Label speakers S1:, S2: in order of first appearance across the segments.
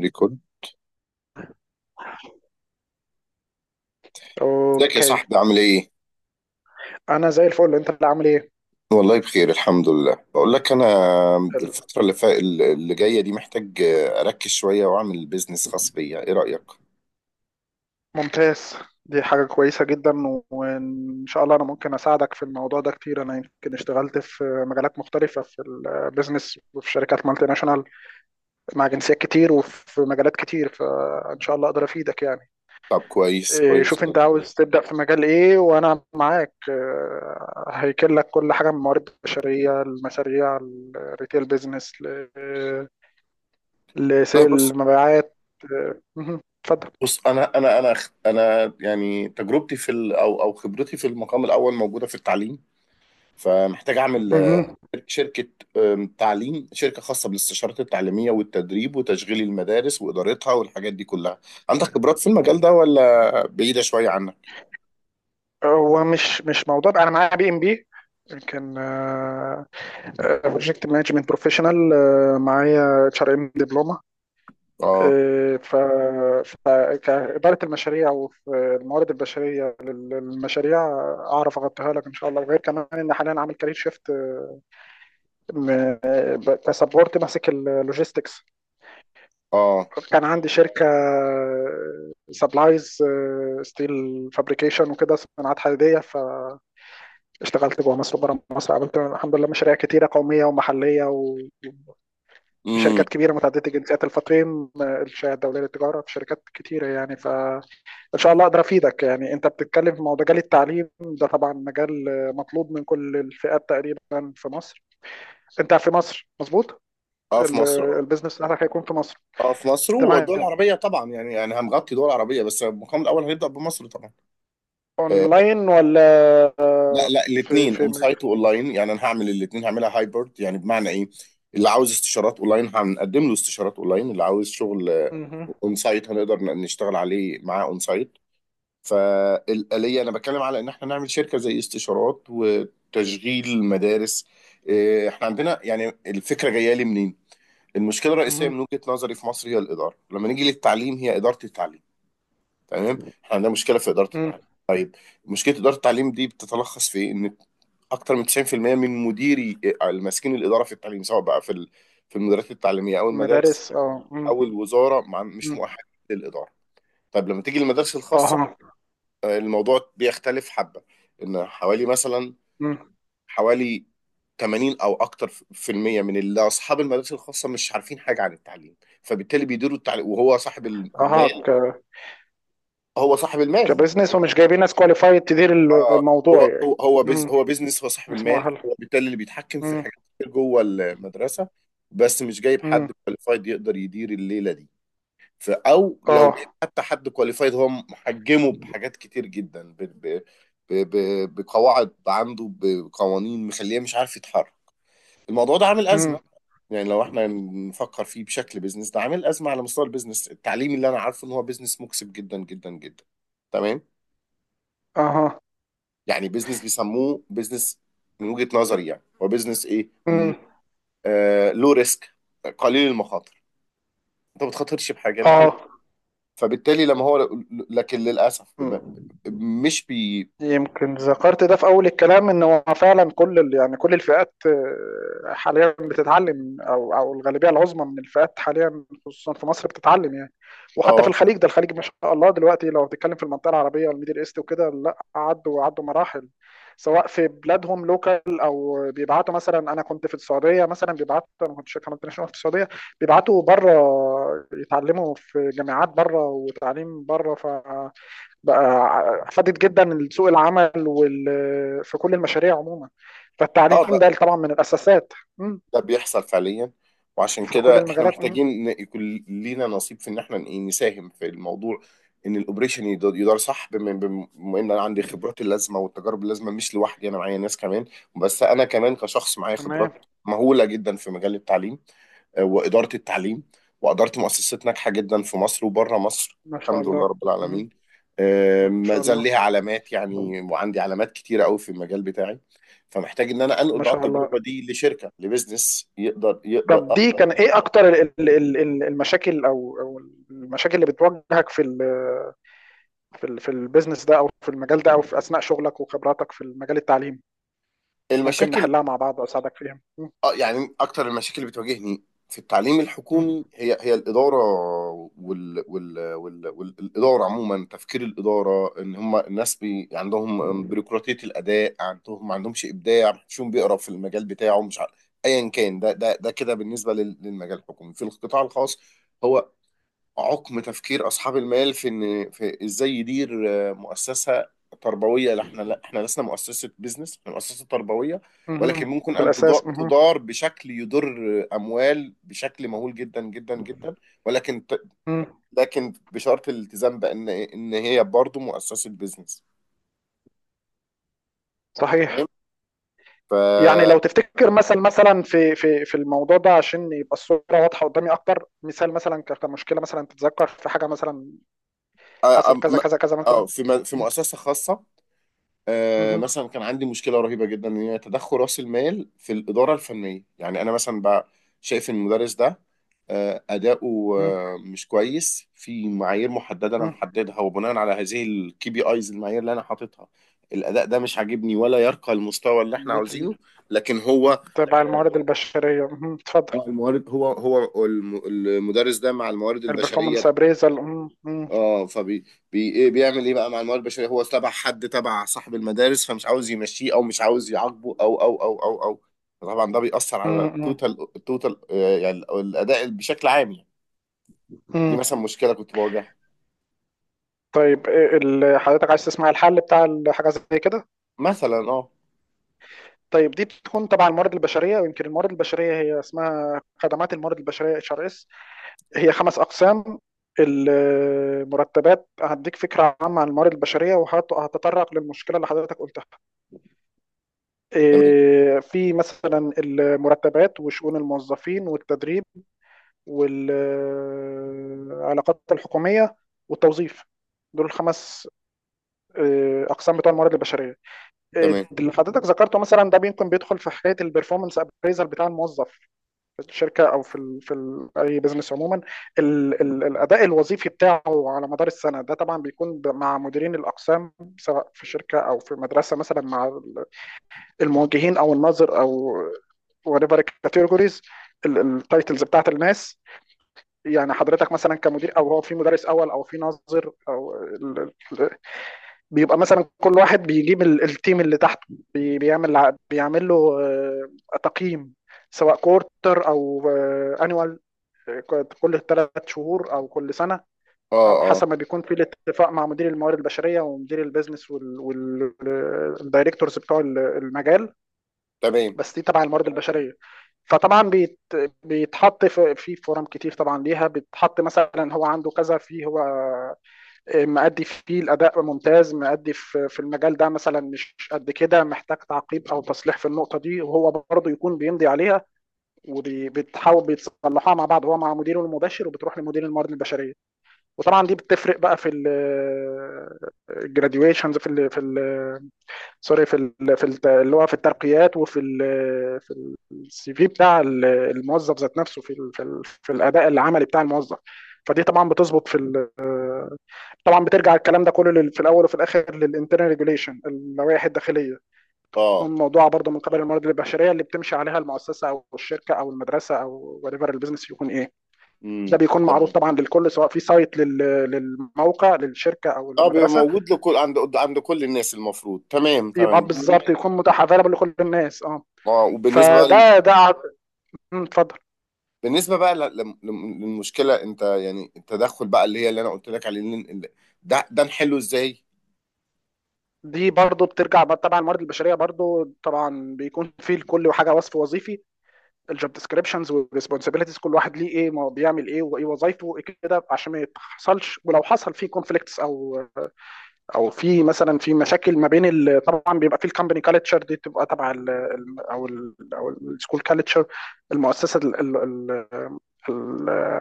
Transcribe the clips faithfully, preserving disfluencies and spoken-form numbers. S1: ريكورد ازيك يا
S2: اوكي.
S1: صاحبي عامل ايه؟
S2: انا زي الفل، انت اللي عامل ايه؟
S1: والله بخير الحمد لله. بقول لك انا الفتره اللي فا... اللي جايه دي محتاج اركز شويه واعمل بيزنس خاص بيا، ايه رايك؟
S2: ممتاز. دي حاجة كويسة جدا، وان شاء الله انا ممكن اساعدك في الموضوع ده كتير. انا يمكن اشتغلت في مجالات مختلفة في البيزنس وفي شركات مالتي ناشونال مع جنسيات كتير وفي مجالات كتير، فان شاء الله اقدر افيدك يعني
S1: طب كويس،
S2: إيه،
S1: كويس
S2: شوف انت
S1: جدا.
S2: عاوز تبدأ في مجال ايه، وانا معاك آه، هيكل لك كل حاجة: من الموارد البشرية، المشاريع، الريتيل بيزنس، لسيل
S1: والله بص،
S2: المبيعات. آه، مهم. اتفضل.
S1: بص، انا انا انا انا يعني تجربتي في ال... او او خبرتي في المقام الاول موجوده في التعليم، فمحتاج اعمل
S2: مهم.
S1: شركه، أم، تعليم، شركه خاصه بالاستشارات التعليميه والتدريب وتشغيل المدارس وادارتها والحاجات دي كلها. عندك خبرات في المجال ده ولا بعيده شويه عنك؟
S2: هو مش مش موضوع، انا معايا بي ام بي، كان بروجكت مانجمنت بروفيشنال، معايا اتش ار ام دبلومه.
S1: آه.
S2: آه، ف ف- كاداره المشاريع والموارد البشريه لل- للمشاريع، آه، اعرف اغطيها لك ان شاء الله. وغير كمان ان حاليا عامل كارير شيفت كسبورت ماسك اللوجيستكس.
S1: اه.
S2: كان عندي شركه سبلايز ستيل فابريكيشن وكده، صناعات حديديه. ف اشتغلت جوه مصر وبره مصر، عملت الحمد لله مشاريع كتيره قوميه ومحليه
S1: امم.
S2: وشركات كبيره متعدده الجنسيات، الفطيم، الشهاده الدوليه للتجاره، في شركات كتيره يعني. فان شاء الله اقدر افيدك. يعني انت بتتكلم في مجال التعليم، ده طبعا مجال مطلوب من كل الفئات تقريبا في مصر. انت في مصر، مظبوط؟
S1: اه، في
S2: ال-
S1: مصر. اه،
S2: البيزنس بتاعتك هيكون في مصر.
S1: اه في مصر
S2: تمام.
S1: والدول العربية طبعا، يعني يعني هنغطي دول عربية، بس المقام الأول هيبدأ بمصر طبعا. آه.
S2: اونلاين ولا؟
S1: لا لا،
S2: في
S1: الاثنين،
S2: في
S1: اون
S2: م-
S1: سايت واونلاين، يعني أنا هعمل الاثنين، هعملها هايبرد. يعني بمعنى إيه، اللي عاوز استشارات اونلاين هنقدم له استشارات اونلاين، اللي عاوز شغل
S2: مهم.
S1: اون سايت هنقدر ن- نشتغل عليه معاه اون سايت. فالآلية أنا بتكلم على إن احنا نعمل شركة زي استشارات وتشغيل مدارس. آه، احنا عندنا، يعني الفكرة جاية لي منين؟ المشكله الرئيسيه
S2: مهم.
S1: من وجهه نظري في مصر هي الاداره، لما نيجي للتعليم هي اداره التعليم. تمام، احنا عندنا مشكله في اداره
S2: مهم.
S1: التعليم. طيب، مشكله اداره التعليم دي بتتلخص في إيه؟ ان اكتر من تسعين في المية من مديري ماسكين الاداره في التعليم، سواء بقى في ال- في المديريات التعليميه او المدارس
S2: مدارس، اه، مم.
S1: او الوزاره، مع- مش
S2: مم.
S1: مؤهلين للاداره. طيب لما تيجي المدارس الخاصه،
S2: اها.
S1: آه، الموضوع بيختلف حبه. ان حوالي مثلا،
S2: مم.
S1: حوالي ثمانين او اكتر في المية من اللي اصحاب المدارس الخاصة مش عارفين حاجة عن التعليم، فبالتالي بيديروا التعليم وهو صاحب
S2: اها،
S1: المال. هو صاحب المال.
S2: كبزنس، ومش جايبين ناس كواليفايد تدير ال-
S1: اه.
S2: الموضوع
S1: هو هو
S2: يعني.
S1: هو بز
S2: امم.
S1: هو بيزنس، هو صاحب
S2: مش
S1: المال،
S2: مؤهل.
S1: هو بالتالي اللي بيتحكم في
S2: امم.
S1: حاجات كتير جوه المدرسة، بس مش جايب
S2: امم.
S1: حد كواليفايد يقدر يدير الليلة دي. ف- او لو جايب
S2: اه.
S1: حتى حد كواليفايد، هو محجمه بحاجات كتير جدا، ب ب ب ب- بقواعد عنده، بقوانين، مخليه مش عارف يتحرك. الموضوع ده عامل أزمة،
S2: امم.
S1: يعني لو احنا نفكر فيه بشكل بيزنس، ده عامل ازمه على مستوى البيزنس التعليمي، اللي انا عارفه ان هو بيزنس مكسب جدا جدا جدا. تمام،
S2: اها.
S1: يعني بيزنس بيسموه بيزنس. من وجهه نظري يعني، هو بيزنس ايه؟ م-
S2: امم.
S1: آه، لو ريسك، قليل المخاطر، انت ما بتخاطرش بحاجه، انت عندك.
S2: اه.
S1: فبالتالي لما هو، لكن للاسف، ب-
S2: امم.
S1: ب- مش بي
S2: يمكن ذكرت ده في اول الكلام، ان هو فعلا كل ال- يعني كل الفئات آه، حاليا بتتعلم، او او الغالبيه العظمى من الفئات حاليا خصوصا في مصر بتتعلم يعني. وحتى في
S1: اه.
S2: الخليج، ده الخليج ما شاء الله دلوقتي، لو بتتكلم في المنطقه العربيه والميدل ايست وكده، لا، عدوا عدوا مراحل. سواء في بلادهم لوكال، او بيبعتوا، مثلا انا كنت في السعوديه، مثلا بيبعتوا، انا كنت شركه مالتي ناشونال في السعوديه، بيبعتوا بره يتعلموا في جامعات بره وتعليم بره بقى. فادت جدا سوق العمل وال... في كل المشاريع عموما. فالتعليم
S1: اه،
S2: ده طبعا من الأساسات. مم.
S1: ده بيحصل فعليا، وعشان
S2: في كل
S1: كده احنا
S2: المجالات. مم.
S1: محتاجين إن يكون لينا نصيب في ان احنا إيه، نساهم في الموضوع. ان الاوبريشن يد- يدار صح، بما بم- بما ان انا عندي خبرات اللازمه والتجارب اللازمه، مش لوحدي، انا معايا ناس كمان، بس انا كمان كشخص معايا
S2: تمام.
S1: خبرات مهوله جدا في مجال التعليم، وإدارة التعليم، وأدارة مؤسسات ناجحة جدا في مصر وبره مصر،
S2: ما شاء
S1: الحمد لله
S2: الله.
S1: رب
S2: مم.
S1: العالمين. آه،
S2: ما
S1: ما
S2: شاء
S1: زال ليها
S2: الله.
S1: علامات يعني، وعندي علامات كتيرة قوي في المجال بتاعي. فمحتاج إن أنا أنقل
S2: ما
S1: بقى
S2: شاء الله.
S1: التجربة دي لشركة لبزنس، يقدر يقدر
S2: طب دي
S1: أقدر.
S2: كان ايه اكتر ال- ال- ال- ال- المشاكل، او او المشاكل اللي بتواجهك في ال في ال في البيزنس ده، او في المجال ده، او في اثناء شغلك وخبراتك في المجال التعليمي؟ ممكن
S1: المشاكل،
S2: نحلها مع بعض واساعدك فيها. مم.
S1: اه يعني اكتر المشاكل اللي بتواجهني في التعليم
S2: مم.
S1: الحكومي هي هي الاداره. وال وال وال والاداره عموما، تفكير الاداره ان هم الناس بي، عندهم بيروقراطيه، الاداء عندهم، ما عندهمش ابداع، ما حدش بيقرا في المجال بتاعه، مش عارف، ايا كان ده ده ده كده بالنسبه لل- للمجال الحكومي. في القطاع الخاص، هو عقم تفكير اصحاب المال في ان، في ازاي يدير آه، مؤسسه تربويه. لا احنا، لا احنا لسنا مؤسسه بيزنس، احنا مؤسسه تربويه،
S2: مم.
S1: ولكن ممكن
S2: في
S1: ان
S2: الاساس.
S1: تضا-
S2: مم.
S1: تدار بشكل يضر، آه، اموال بشكل مهول جدا جدا جدا. ولكن ت-
S2: مم.
S1: لكن بشرط الالتزام بان ان هي برضو مؤسسه بيزنس.
S2: صحيح.
S1: تمام. ف،
S2: يعني لو تفتكر مثلا مثلا في في في الموضوع ده، عشان يبقى الصوره واضحه قدامي اكتر، مثال مثلا ك- كمشكله مثلا، تتذكر في حاجه مثلا
S1: آه،
S2: حصل
S1: أم-
S2: كذا
S1: م-
S2: كذا كذا مثلا؟
S1: اه في م- في
S2: م-
S1: مؤسسه خاصه، آه،
S2: م-
S1: مثلا كان عندي مشكله رهيبه جدا، ان هي تدخل راس المال في الاداره الفنيه. يعني انا مثلا بقى شايف ان المدرس ده، آه، اداؤه
S2: م-
S1: آه، مش كويس في معايير محدده انا
S2: م-
S1: محددها، وبناء على هذه الكي بي ايز، المعايير اللي انا حاططها، الاداء ده مش عاجبني ولا يرقى المستوى اللي احنا
S2: م-
S1: عاوزينه. لكن هو،
S2: تبع الموارد البشريه. م- اتفضل.
S1: الموارد، هو هو الم- المدرس ده مع الموارد البشريه.
S2: البرفورمانس ابريزل.
S1: اه، فبي بي ايه، بيعمل ايه بقى مع الموارد البشريه؟ هو تبع حد، تبع صاحب المدارس، فمش عاوز يمشيه، او مش عاوز يعاقبه، او او او او او طبعا ده بيأثر على التوتال، التوتال آه، يعني الاداء بشكل عام يعني. دي مثلا مشكله كنت بواجهها.
S2: طيب، إيه ال- حضرتك عايز تسمع الحل بتاع الحاجه زي كده؟
S1: مثلا اه.
S2: طيب، دي بتكون تبع الموارد البشريه. ويمكن الموارد البشريه هي اسمها خدمات الموارد البشريه، اتش ار اس. هي خمس اقسام. المرتبات، هديك فكره عامه عن الموارد البشريه وهتطرق للمشكله اللي حضرتك قلتها.
S1: تمام
S2: إيه، في مثلا المرتبات، وشؤون الموظفين، والتدريب، والعلاقات الحكوميه، والتوظيف. دول الخمس إيه، اقسام بتوع الموارد البشريه. إيه،
S1: تمام.
S2: اللي حضرتك ذكرته مثلا ده ممكن بيدخل في حكايه البرفورمانس ابريزل بتاع الموظف في الشركه، او في ال في ال اي بزنس عموما. ال ال الاداء الوظيفي بتاعه على مدار السنه، ده طبعا بيكون ب- مع مديرين الاقسام، سواء في شركه او في مدرسه، مثلا مع ال- الموجهين او الناظر او whatever categories، التايتلز بتاعت الناس. يعني حضرتك مثلا كمدير، او هو في مدرس اول، او في ناظر، او ال- ال- بيبقى مثلا كل واحد بيجيب ال- التيم اللي تحته، بي- بيعمل ع- بيعمل له آه، تقييم، سواء كورتر او انيوال، كل ثلاث شهور او كل سنه،
S1: اه
S2: او
S1: اه.
S2: حسب ما بيكون في الاتفاق مع مدير الموارد البشريه ومدير البيزنس والدايركتورز بتوع المجال.
S1: تمام.
S2: بس دي تبع الموارد البشريه. فطبعا بيت بيتحط في في فورم كتير طبعا ليها، بيتحط مثلا هو عنده كذا، في هو مأدي فيه، الأداء ممتاز، مأدي في في المجال ده، مثلا مش قد كده، محتاج تعقيب أو تصليح في النقطة دي، وهو برضه يكون بيمضي عليها، وبيتحاول بيتصلحوها مع بعض، هو مع مديره المباشر، وبتروح لمدير الموارد البشريه. وطبعا دي بتفرق بقى في الجراديويشنز، في ال في ال سوري، في ال في ال اللي هو في الترقيات، وفي ال في السي في بتاع الموظف ذات نفسه، في ال في, ال في الاداء العملي بتاع الموظف. فدي طبعا بتظبط في ال... طبعا بترجع الكلام ده كله لل... في الاول وفي الاخر للانترنال ريجوليشن، اللوائح الداخليه.
S1: اه.
S2: والموضوع برضه من قبل الموارد البشريه اللي بتمشي عليها المؤسسه او الشركه او المدرسه، او وريفر البيزنس يكون ايه. ده
S1: امم.
S2: بيكون معروض
S1: تمام.
S2: طبعا للكل، سواء في سايت لل- للموقع للشركه او
S1: اه، بيبقى
S2: المدرسه.
S1: موجود لكل، عند عند كل الناس المفروض. تمام
S2: يبقى
S1: تمام.
S2: بالظبط يكون متاح افيلبل لكل الناس، اه.
S1: اه. وبالنسبه بقى،
S2: فده ده ع- مم، اتفضل.
S1: بالنسبه بقى ل- لم- لم- للمشكله، انت يعني التدخل بقى اللي هي، اللي انا قلت لك عليه اللي- اللي- ده ده نحله ازاي؟
S2: دي برضو بترجع بقى طبعا الموارد البشريه، برضو طبعا بيكون فيه لكل حاجه وصف وظيفي، الجوب ديسكريبشنز والريسبونسابيلتيز، كل واحد ليه ايه، ما هو بيعمل ايه، وايه وظايفه، وايه كده، عشان ما يحصلش. ولو حصل فيه كونفليكتس، او او في مثلا في مشاكل ما بين ال- طبعا بيبقى في الكومباني كالتشر، دي بتبقى تبع ال ال- او ال او السكول كالتشر. المؤسسه ال- ال- ال- ال-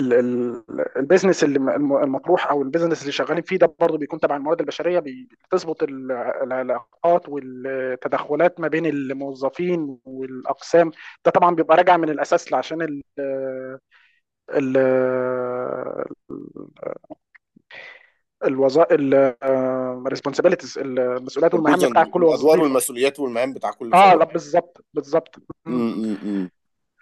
S2: ال- ال- البيزنس اللي م- الم- المطروح، او البيزنس اللي شغالين فيه، ده برضه بيكون تبع الموارد البشريه. بي- بتظبط ال- العلاقات والتدخلات ما بين الموظفين والاقسام. ده طبعا بيبقى راجع من الاساس، عشان ال ال الوظائف، الريسبونسابيلتيز، المسؤوليات
S1: الرولز
S2: والمهام
S1: اند،
S2: بتاع كل
S1: الادوار
S2: وظيفه.
S1: والمسؤوليات والمهام بتاع كل ف-
S2: اه،
S1: واحد.
S2: لا، بالظبط بالظبط. مم.
S1: امم امم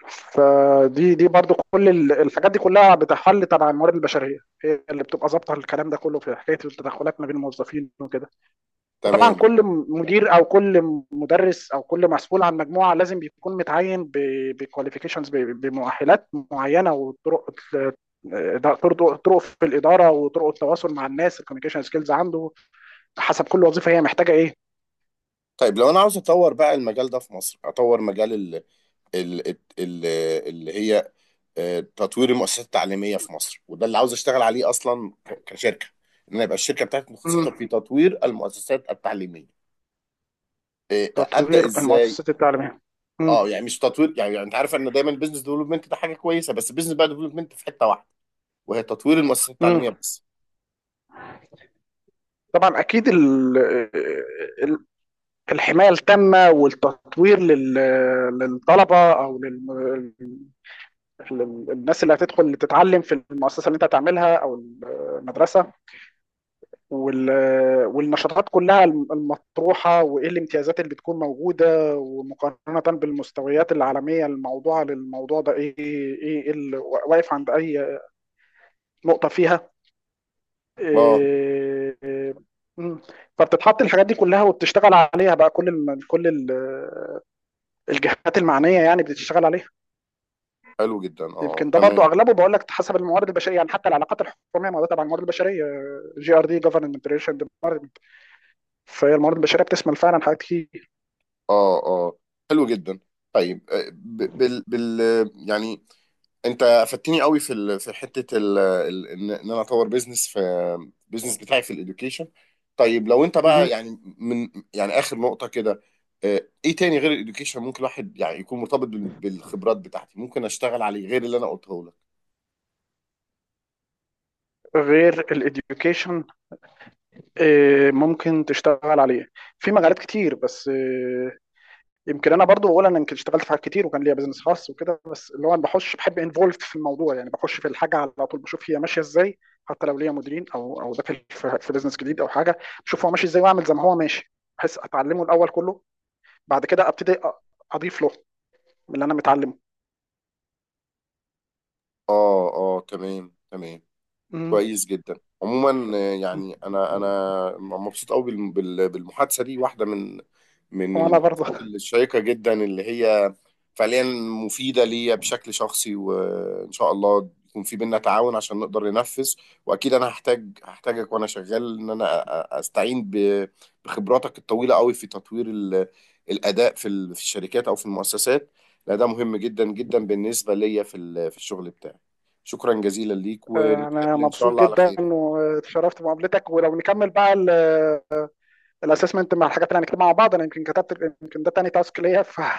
S2: فدي، دي برضو كل ال- الحاجات دي كلها بتحل تبع الموارد البشريه، هي اللي بتبقى ظابطه الكلام ده كله في حكايه التدخلات ما بين الموظفين وكده. وطبعا
S1: تمام.
S2: كل م- مدير، او كل م- مدرس، او كل مسؤول عن مجموعه، لازم بيكون متعين بكواليفيكيشنز، بمؤهلات معينه، وطرق ال- ده طرق طرق في الاداره، وطرق التواصل مع الناس، الكوميونيكيشن سكيلز عنده، حسب كل وظيفه هي محتاجه ايه.
S1: طيب لو انا عاوز اطور بقى المجال ده في مصر، اطور مجال ال ال ال ال- اللي هي، آه، تطوير المؤسسات التعليميه في مصر، وده اللي عاوز اشتغل عليه اصلا، ك- كشركه. ان انا يبقى الشركه بتاعتي متخصصه
S2: مم.
S1: في تطوير المؤسسات التعليميه، آه، ابدا
S2: تطوير
S1: ازاي؟
S2: المؤسسات التعليميه.
S1: اه
S2: مم.
S1: يعني مش تطوير يعني, يعني انت عارف ان دايما البيزنس ديفلوبمنت ده حاجه كويسه، بس البيزنس بقى ديفلوبمنت في حته واحده، وهي تطوير المؤسسات التعليميه
S2: مم.
S1: بس.
S2: طبعا اكيد ال- ال- الحمايه التامه والتطوير لل- للطلبه، او لل- لل- للناس اللي هتدخل تتعلم في المؤسسه اللي انت هتعملها، او المدرسه. وال- والنشاطات كلها الم- المطروحه، وايه الامتيازات اللي بتكون موجوده، ومقارنه بالمستويات العالميه الموضوعه للموضوع ده ايه ايه، إيه اللي واقف عند اي نقطه فيها.
S1: اه
S2: إيه، مم. فبتتحط الحاجات دي كلها وبتشتغل عليها بقى كل الم... كل ال- آه، الجهات المعنيه يعني بتشتغل عليها.
S1: حلو جدا. اه
S2: يمكن ده
S1: تمام.
S2: برضو اغلبه بقول لك حسب الموارد البشريه، يعني حتى العلاقات الحكوميه، ما هو ده تبع الموارد البشريه، جي ار دي، جفرمنت ريليشن ديبارتمنت. فهي الموارد البشريه بتشمل فعلا حاجات كتير.
S1: اه اه حلو جدا. طيب آه، ب- بال بال يعني انت افدتني قوي في ال... في حته ال... ال... ان إن انا اطور بيزنس في، بيزنس بتاعي في الاديوكيشن. طيب لو انت بقى
S2: مهم.
S1: يعني، من يعني اخر نقطه كده، آه، ايه تاني غير الاديوكيشن ممكن الواحد يعني يكون مرتبط بال- بالخبرات بتاعتي، ممكن اشتغل عليه غير اللي انا قلته لك؟
S2: غير الاديوكيشن ممكن تشتغل عليه في مجالات كتير، بس آه، يمكن انا برضو بقول انا يمكن اشتغلت في حاجات كتير وكان ليا بزنس خاص وكده، بس اللي هو انا بخش، بحب انفولف في الموضوع، يعني بخش في الحاجه على طول، بشوف هي ماشيه ازاي، حتى لو ليا مديرين او او ده في في بزنس جديد او حاجه. بشوف هو ماشي ازاي واعمل زي ما هو ماشي، بحيث اتعلمه الاول كله، بعد كده ابتدي أ- اضيف له من اللي انا متعلمه.
S1: اه اه تمام تمام
S2: مم.
S1: كويس جدا. عموما آه، يعني انا انا مبسوط قوي بال- بال- بالمحادثه دي. واحده من من
S2: وانا
S1: المحادثات
S2: برضه،
S1: الشيقه جدا اللي هي فعليا مفيده ليا بشكل شخصي، وان شاء الله يكون في بينا تعاون عشان نقدر ننفذ. واكيد انا هحتاج هحتاجك وانا شغال، ان انا أ- أ- استعين ب- بخبراتك الطويله قوي في تطوير ال- الاداء في ال- في الشركات او في المؤسسات. لا ده مهم جدا جدا بالنسبه ليا في ال- في الشغل بتاعي. شكرا جزيلا ليك، و
S2: آه، انا
S1: نتقابل ان شاء
S2: مبسوط
S1: الله على
S2: جدا
S1: خير.
S2: واتشرفت بمقابلتك. ولو نكمل بقى الاسسمنت مع الحاجات اللي هنكتبها مع بعض، انا يمكن كتبت، يمكن ده تاني تاسك ليا ف